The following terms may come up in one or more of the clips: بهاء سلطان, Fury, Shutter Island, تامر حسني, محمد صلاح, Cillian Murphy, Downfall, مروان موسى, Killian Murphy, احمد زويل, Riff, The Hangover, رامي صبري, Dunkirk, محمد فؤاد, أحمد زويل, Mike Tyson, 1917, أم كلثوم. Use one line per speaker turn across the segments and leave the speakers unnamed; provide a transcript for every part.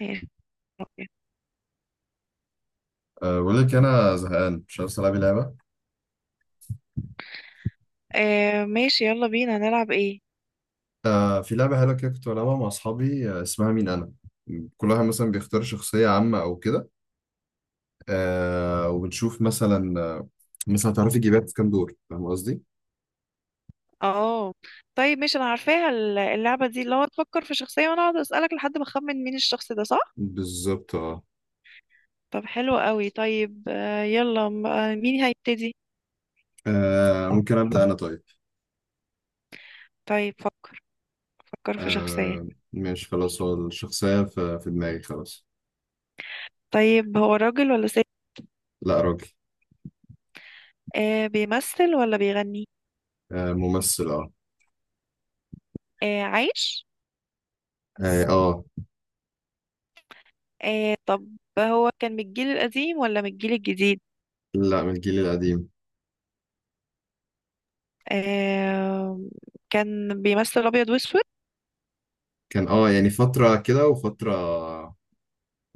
ماشي.
بقول لك انا زهقان مش عارف العب لعبه.
ماشي، يلا بينا نلعب ايه؟
في لعبه حلوه كده كنت بلعبها مع اصحابي. اسمها مين انا. كل واحد مثلا بيختار شخصيه عامه او كده. وبنشوف مثلا مثلا تعرفي تجيبيها في كام دور، فاهم قصدي؟
اه طيب، ماشي، انا عارفاها اللعبة دي اللي هو تفكر في شخصية وانا اقعد اسألك لحد ما اخمن مين الشخص ده، صح؟
بالظبط اه.
طب حلو قوي. طيب، يلا، مين هيبتدي؟
ممكن ابدا انا طيب.
طيب فكر. فكر في شخصية.
ماشي خلاص، هو الشخصيه في دماغي خلاص.
طيب، هو راجل ولا ست؟
لا راجل.
بيمثل ولا بيغني؟
ممثل اه.
عايش؟
اه
طب هو كان من الجيل القديم ولا من الجيل الجديد؟
لا من الجيل القديم.
آه كان بيمثل ابيض واسود؟
كان اه يعني فتره كده وفتره،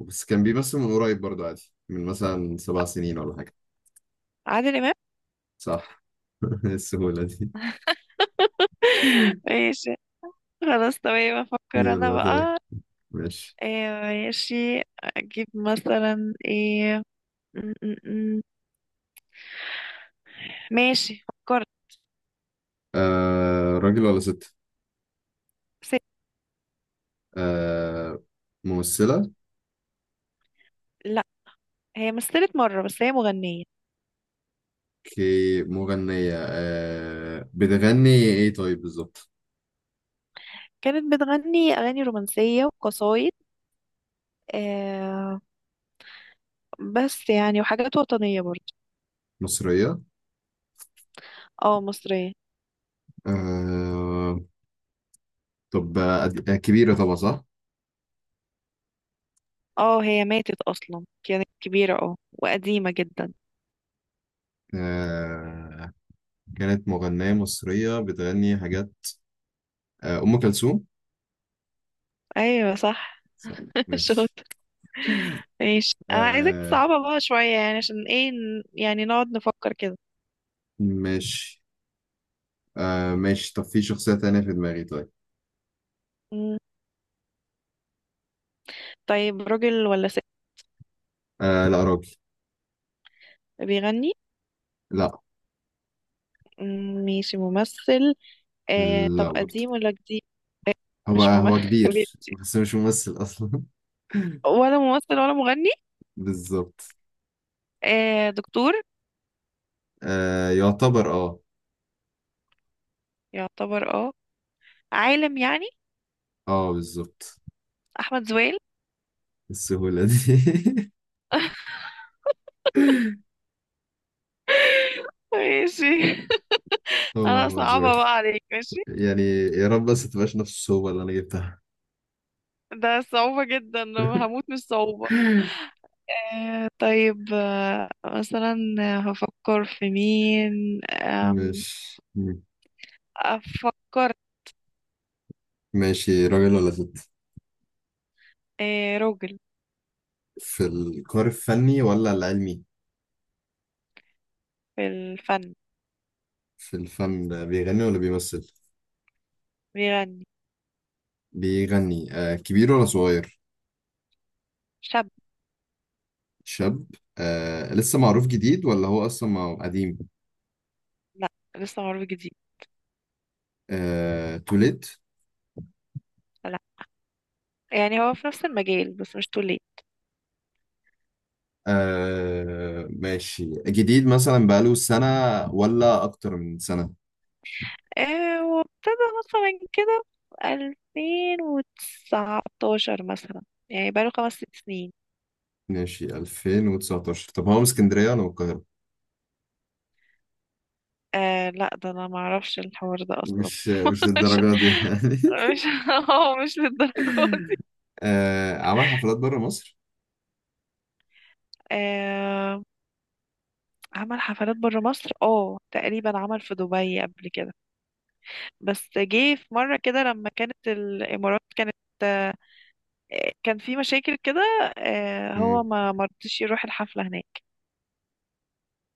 بس كان بيمثل من قريب برضو عادي، من مثلا 7 سنين ولا حاجة.
عادل امام.
صح. إيه السهولة دي!
ماشي. خلاص تمام، افكر انا
يلا طيب.
بقى.
ماشي.
إيه ماشي. اجيب مثلا ايه. م- م- م. ماشي فكرت.
آه راجل ولا ست.
ست.
آه ممثلة.
لا، هي مثلت مرة بس هي مغنية.
كي مغنية. آه بتغني ايه طيب بالظبط؟
كانت بتغني اغاني رومانسية وقصايد، آه بس يعني وحاجات وطنية برضه.
مصرية.
اه، مصرية.
آه. طب آه كبيرة طبعا صح.
اه، هي ماتت اصلا، كانت كبيرة وقديمة جدا.
آه. كانت مغنية مصرية بتغني حاجات. آه أم كلثوم.
ايوه صح.
صح.
شاطر.
ماشي.
ماشي، انا عايزك
آه
تصعبها بقى شوية، يعني عشان ايه يعني نقعد نفكر كده.
ماشي. آه ماشي، طب في شخصية تانية في دماغي طيب.
طيب، راجل ولا ست؟
آه لا راجل.
بيغني؟
لا.
مم، ماشي، ممثل. طب
لا برضه،
قديم ولا جديد؟
هو
مش
هو
ممثل.
كبير. بس مش ممثل أصلا.
ولا ممثل ولا مغني.
بالظبط.
دكتور؟
آه يعتبر اه.
يعتبر. اه عالم يعني.
اه بالظبط.
احمد زويل.
السهولة دي.
ماشي.
هو
انا
أحمد زويل.
صعبة بقى عليك، ماشي.
يعني يا رب بس تبقاش نفس الصعوبة اللي أنا جبتها.
ده صعوبة جدا. هموت من الصعوبة. طيب، مثلا هفكر في مين،
مش.
افكر.
ماشي، راجل ولا ست؟
آه، راجل.
في الكار الفني ولا العلمي؟
في الفن.
في الفن بيغني ولا بيمثل؟
بيغني.
بيغني. آه كبير ولا صغير؟
شاب.
شاب. آه، لسه معروف جديد ولا هو أصلا قديم؟
لا، لسه معروف جديد.
آه توليت.
لا، يعني هو في نفس المجال بس مش توليت.
آه ماشي، جديد مثلا بقاله سنة ولا أكتر من سنة؟
آه، وابتدى مثلا كده في 2019 مثلا، يعني بقاله خمس ست سنين.
ماشي 2019. طب هو من اسكندرية ولا من القاهرة؟
آه، لا، ده انا ما اعرفش الحوار ده اصلا.
مش مش
مش،
للدرجة دي يعني.
مش، هو مش للدرجه دي.
آه عمل حفلات بره مصر؟
آه، عمل حفلات بره مصر، تقريبا عمل في دبي قبل كده. بس جه في مره كده لما كانت الامارات كانت، آه، كان في مشاكل كده. هو
مم.
ما مرضيش يروح الحفلة هناك.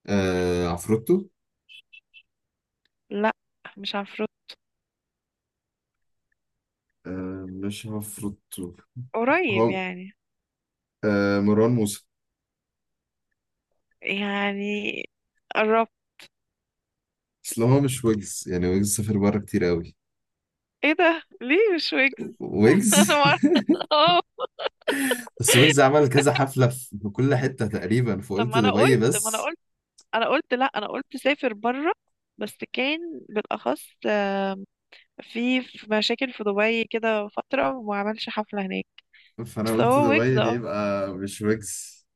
آه عفروتو؟
لا، مش عفروت.
آه مش عفروتو.
قريب
هو
يعني.
آه مروان موسى.
يعني قربت.
اصل هو مش ويجز، يعني ويجز سافر بره كتير قوي.
ايه ده؟ ليه مش ويجز؟ انا
ويجز.
ما اعرف. اه.
بس ويجز عمل كذا حفلة في كل حتة تقريبا،
طب
فقلت
ما انا
دبي
قلت ما انا
بس.
قلت انا قلت لا، انا قلت سافر بره. بس كان بالاخص، في مشاكل في دبي كده فترة وما عملش حفلة هناك.
فأنا
بس
قلت
هو ويجز،
دبي دي
اه.
يبقى مش ويجز.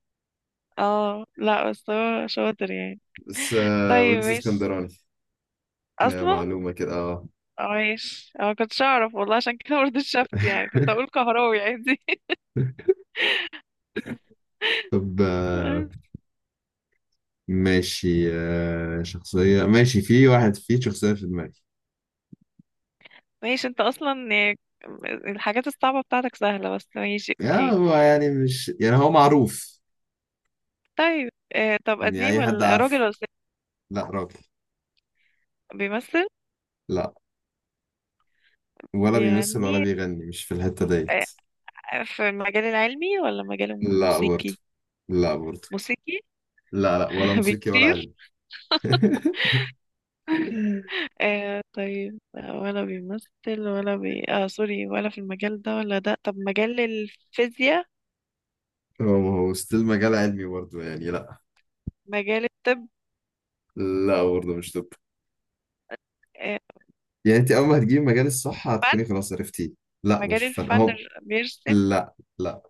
اه، لا، بس هو شاطر يعني.
بس
طيب
ويجز
ماشي
اسكندراني. ده
اصلا.
معلومة كده اه.
عايش، كنتش اعرف والله، عشان كده برضه شفت، يعني كنت اقول كهراوي عادي.
طب ماشي. شخصية، ماشي في واحد، في شخصية في دماغي.
ماشي. انت اصلا يعني الحاجات الصعبة بتاعتك سهلة بس. ماشي،
يا
اوكي.
هو يعني، مش يعني هو معروف،
طيب، طب
يعني
قديم
أي حد
ولا
عارفه.
راجل ولا ست؟
لا راجل.
بيمثل؟
لا، ولا بيمثل ولا
بيغني؟
بيغني، مش في الحتة ديت.
آه، في المجال العلمي ولا مجال
لا برضه.
موسيقي؟
لا برضه.
موسيقي.
لا لا، ولا موسيقي ولا
بيطير.
علم.
آه، طيب، لا، ولا بيمثل ولا بي آه سوري، ولا في المجال ده ولا ده. طب مجال الفيزياء؟
هو ما هو ستيل مجال علمي برضه يعني، لا.
مجال الطب؟
لا برضه مش طب.
آه
يعني انت اول ما هتجيبي مجال الصح
فن؟
هتكوني خلاص عرفتيه. لا مش
مجال
فن
الفن؟
هو.
بيرسم؟
لا لا.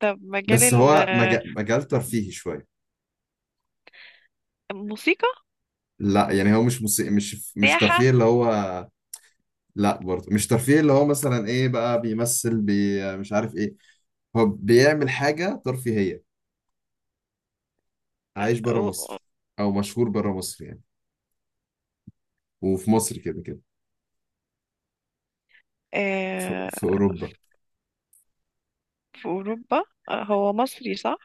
طب مجال
بس هو مجال ترفيهي شويه.
الموسيقى.
لا يعني هو مش مش
سياحة.
ترفيه اللي هو. لا برضه مش ترفيه اللي هو، مثلا ايه بقى بيمثل مش عارف ايه. هو بيعمل حاجه ترفيهيه، عايش بره
و... و-
مصر، او مشهور بره مصر يعني، وفي مصر كده كده. في...
آه،
في اوروبا.
في أوروبا. هو مصري صح؟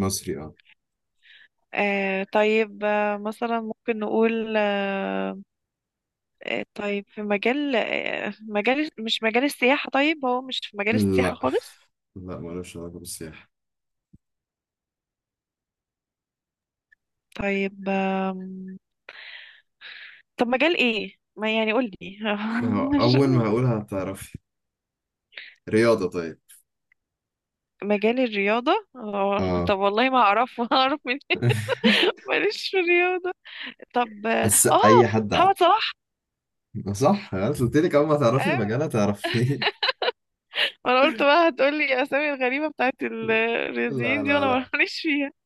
مصري اه.
طيب، مثلا ممكن نقول، طيب في مجال، مجال، مش مجال السياحة. طيب هو مش في مجال السياحة
لا،
خالص.
لا مالوش علاقه بالسياحه.
طيب، طب مجال ايه؟ ما يعني قول لي.
ما هو
مش-
أول ما أقولها هتعرفي. رياضة طيب.
مجال الرياضة؟ آه،
اه.
طب والله ما أعرف منين. ماليش في الرياضة. طب
بس أي حد عارف.
محمد صلاح.
صح، أنا قلت لك أول ما تعرفي
ايوه.
المجال هتعرفيه.
ما انا قلت بقى هتقولي اسامي الغريبه بتاعت
لا
الرياضيين دي
لا
وانا
لا.
ماليش فيها.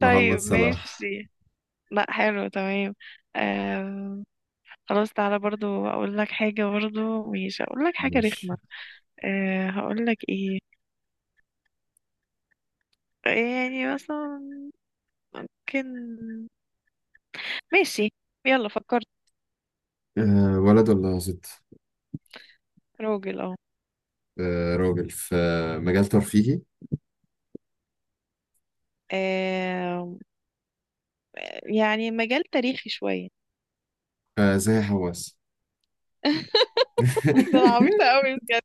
محمد
طيب
صلاح.
ماشي. لا، حلو تمام. آم، خلاص تعالى برضو اقول لك حاجه، برضو ماشي اقول لك حاجه
ماشي.
رخمه. هقول لك ايه. يعني مثلا ممكن. ماشي. يلا فكرت.
أه ولد ولا ست؟
راجل اهو.
أه راجل في مجال ترفيهي.
آم، يعني مجال تاريخي شويه.
أه زي حواس.
ده أنا عبيطه قوي بجد.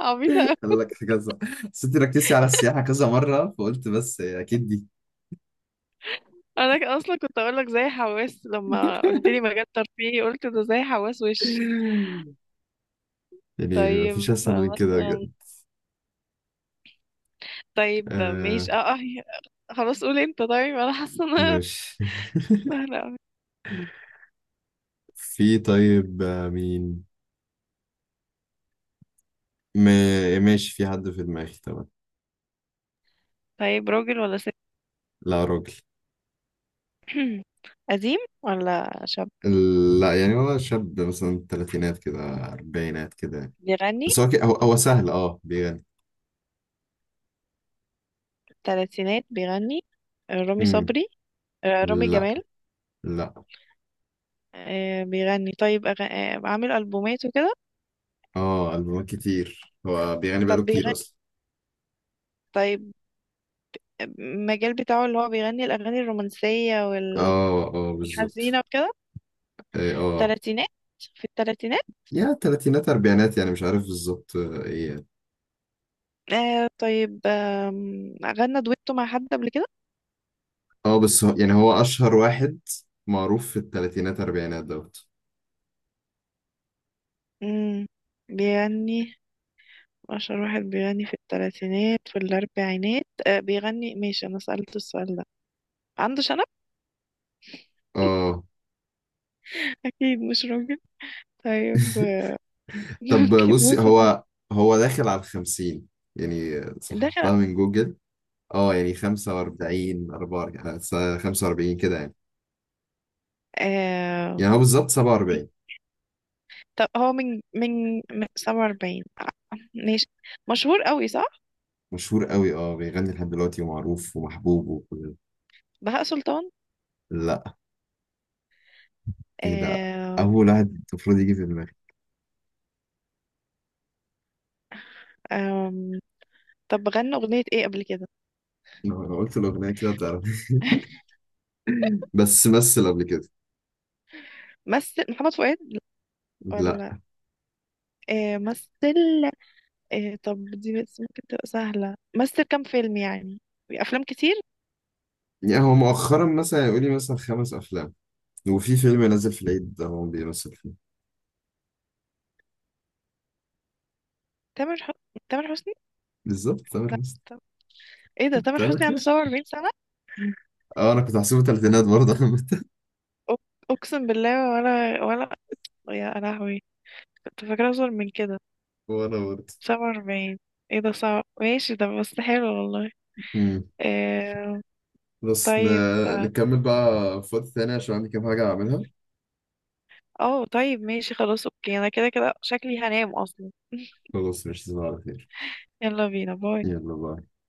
عبيطه.
قال لك كذا، بس انت ركزتي على السياحة كذا مرة فقلت بس أكيد دي.
انا اصلا كنت اقول لك زي حواس، لما قلت لي مجال ترفيهي قلت ده زي حواس وش.
يعني
طيب
مفيش أسهل من كده
مثلا.
بجد.
طيب
أه
ماشي، اه، اه. خلاص قول انت، طيب انا حاسه ان انا
ماشي.
سهله أوي.
في طيب مين م... ماشي في حد في دماغي طبعا.
طيب، راجل ولا ست؟
لا راجل.
قديم ولا شاب؟
لا يعني هو شاب مثلا تلاتينات كده، أربعينات كده يعني.
بيغني؟
بس هو هو سهل، اه بيغني.
تلاتينات بيغني. آه، رامي
مم.
صبري؟ آه، رامي
لا.
جمال؟
لا.
آه، بيغني، طيب أغ... آه، عامل ألبومات وكده.
اه ألبومات كتير، هو بيغني
طب
بقاله كتير
بيغني.
أصلا.
طيب المجال بتاعه اللي هو بيغني الأغاني الرومانسية
اه اه بالظبط.
والحزينة وكده.
ايه اه.
تلاتينات. في التلاتينات.
يا تلاتينات أربعينات، يعني مش عارف بالظبط ايه يعني.
طيب، غنى دويتو مع حد قبل كده؟
اه بس هو يعني، هو أشهر واحد معروف في التلاتينات أربعينات دوت.
مم. بيغني. أشهر واحد بيغني في التلاتينات في الأربعينات، بيغني، ماشي. أنا سألت السؤال ده. عنده شنب.
اه.
أكيد مش راجل. طيب،
طب
ممكن
بصي،
مثلا.
هو داخل على الخمسين، يعني
دخل.
صححتها من جوجل. اه يعني 45 44، 45 كده يعني.
آه
يعني هو بالظبط سبعة
مين-
وأربعين
طب هو من 47، ماشي. مشهور قوي، صح.
مشهور قوي اه، بيغني لحد دلوقتي ومعروف ومحبوب وكل.
بهاء سلطان؟
لا. ايه ده،
آه
أول واحد المفروض يجي في دماغي.
آم، طب غنى أغنية إيه قبل كده؟
لو أنا قلت الأغنية كده هتعرف. بس مثل قبل كده.
مثل محمد فؤاد؟
لا
ولا، مثل. طب دي بس ممكن تبقى سهلة. مثل كام فيلم يعني؟ أفلام كتير.
يعني هو مؤخرا مثلا يقول لي مثلا 5 أفلام، وفي فيلم نازل في العيد ده هو بيمثل فيه.
تامر حسني، تامر حسني.
بالظبط تامر
لا.
حسني.
طب ايه ده، تامر حسني عنده
تمام.
47 سنة؟
اه انا كنت هحسبه تلاتينات برضه.
أق- أقسم بالله، ولا ولا. يا لهوي، كنت فاكرة أصغر من كده.
وانا برضه.
47. ايه ده صعب. ماشي، ده بس حلو والله.
مم.
آه
بس
طيب،
نكمل بقى في وقت تاني عشان عندي كام حاجة أعملها.
اه طيب ماشي، خلاص اوكي. انا كده كده شكلي هنام اصلا.
خلاص، مش على خير.
يلا بينا، باي.
يلا بقى.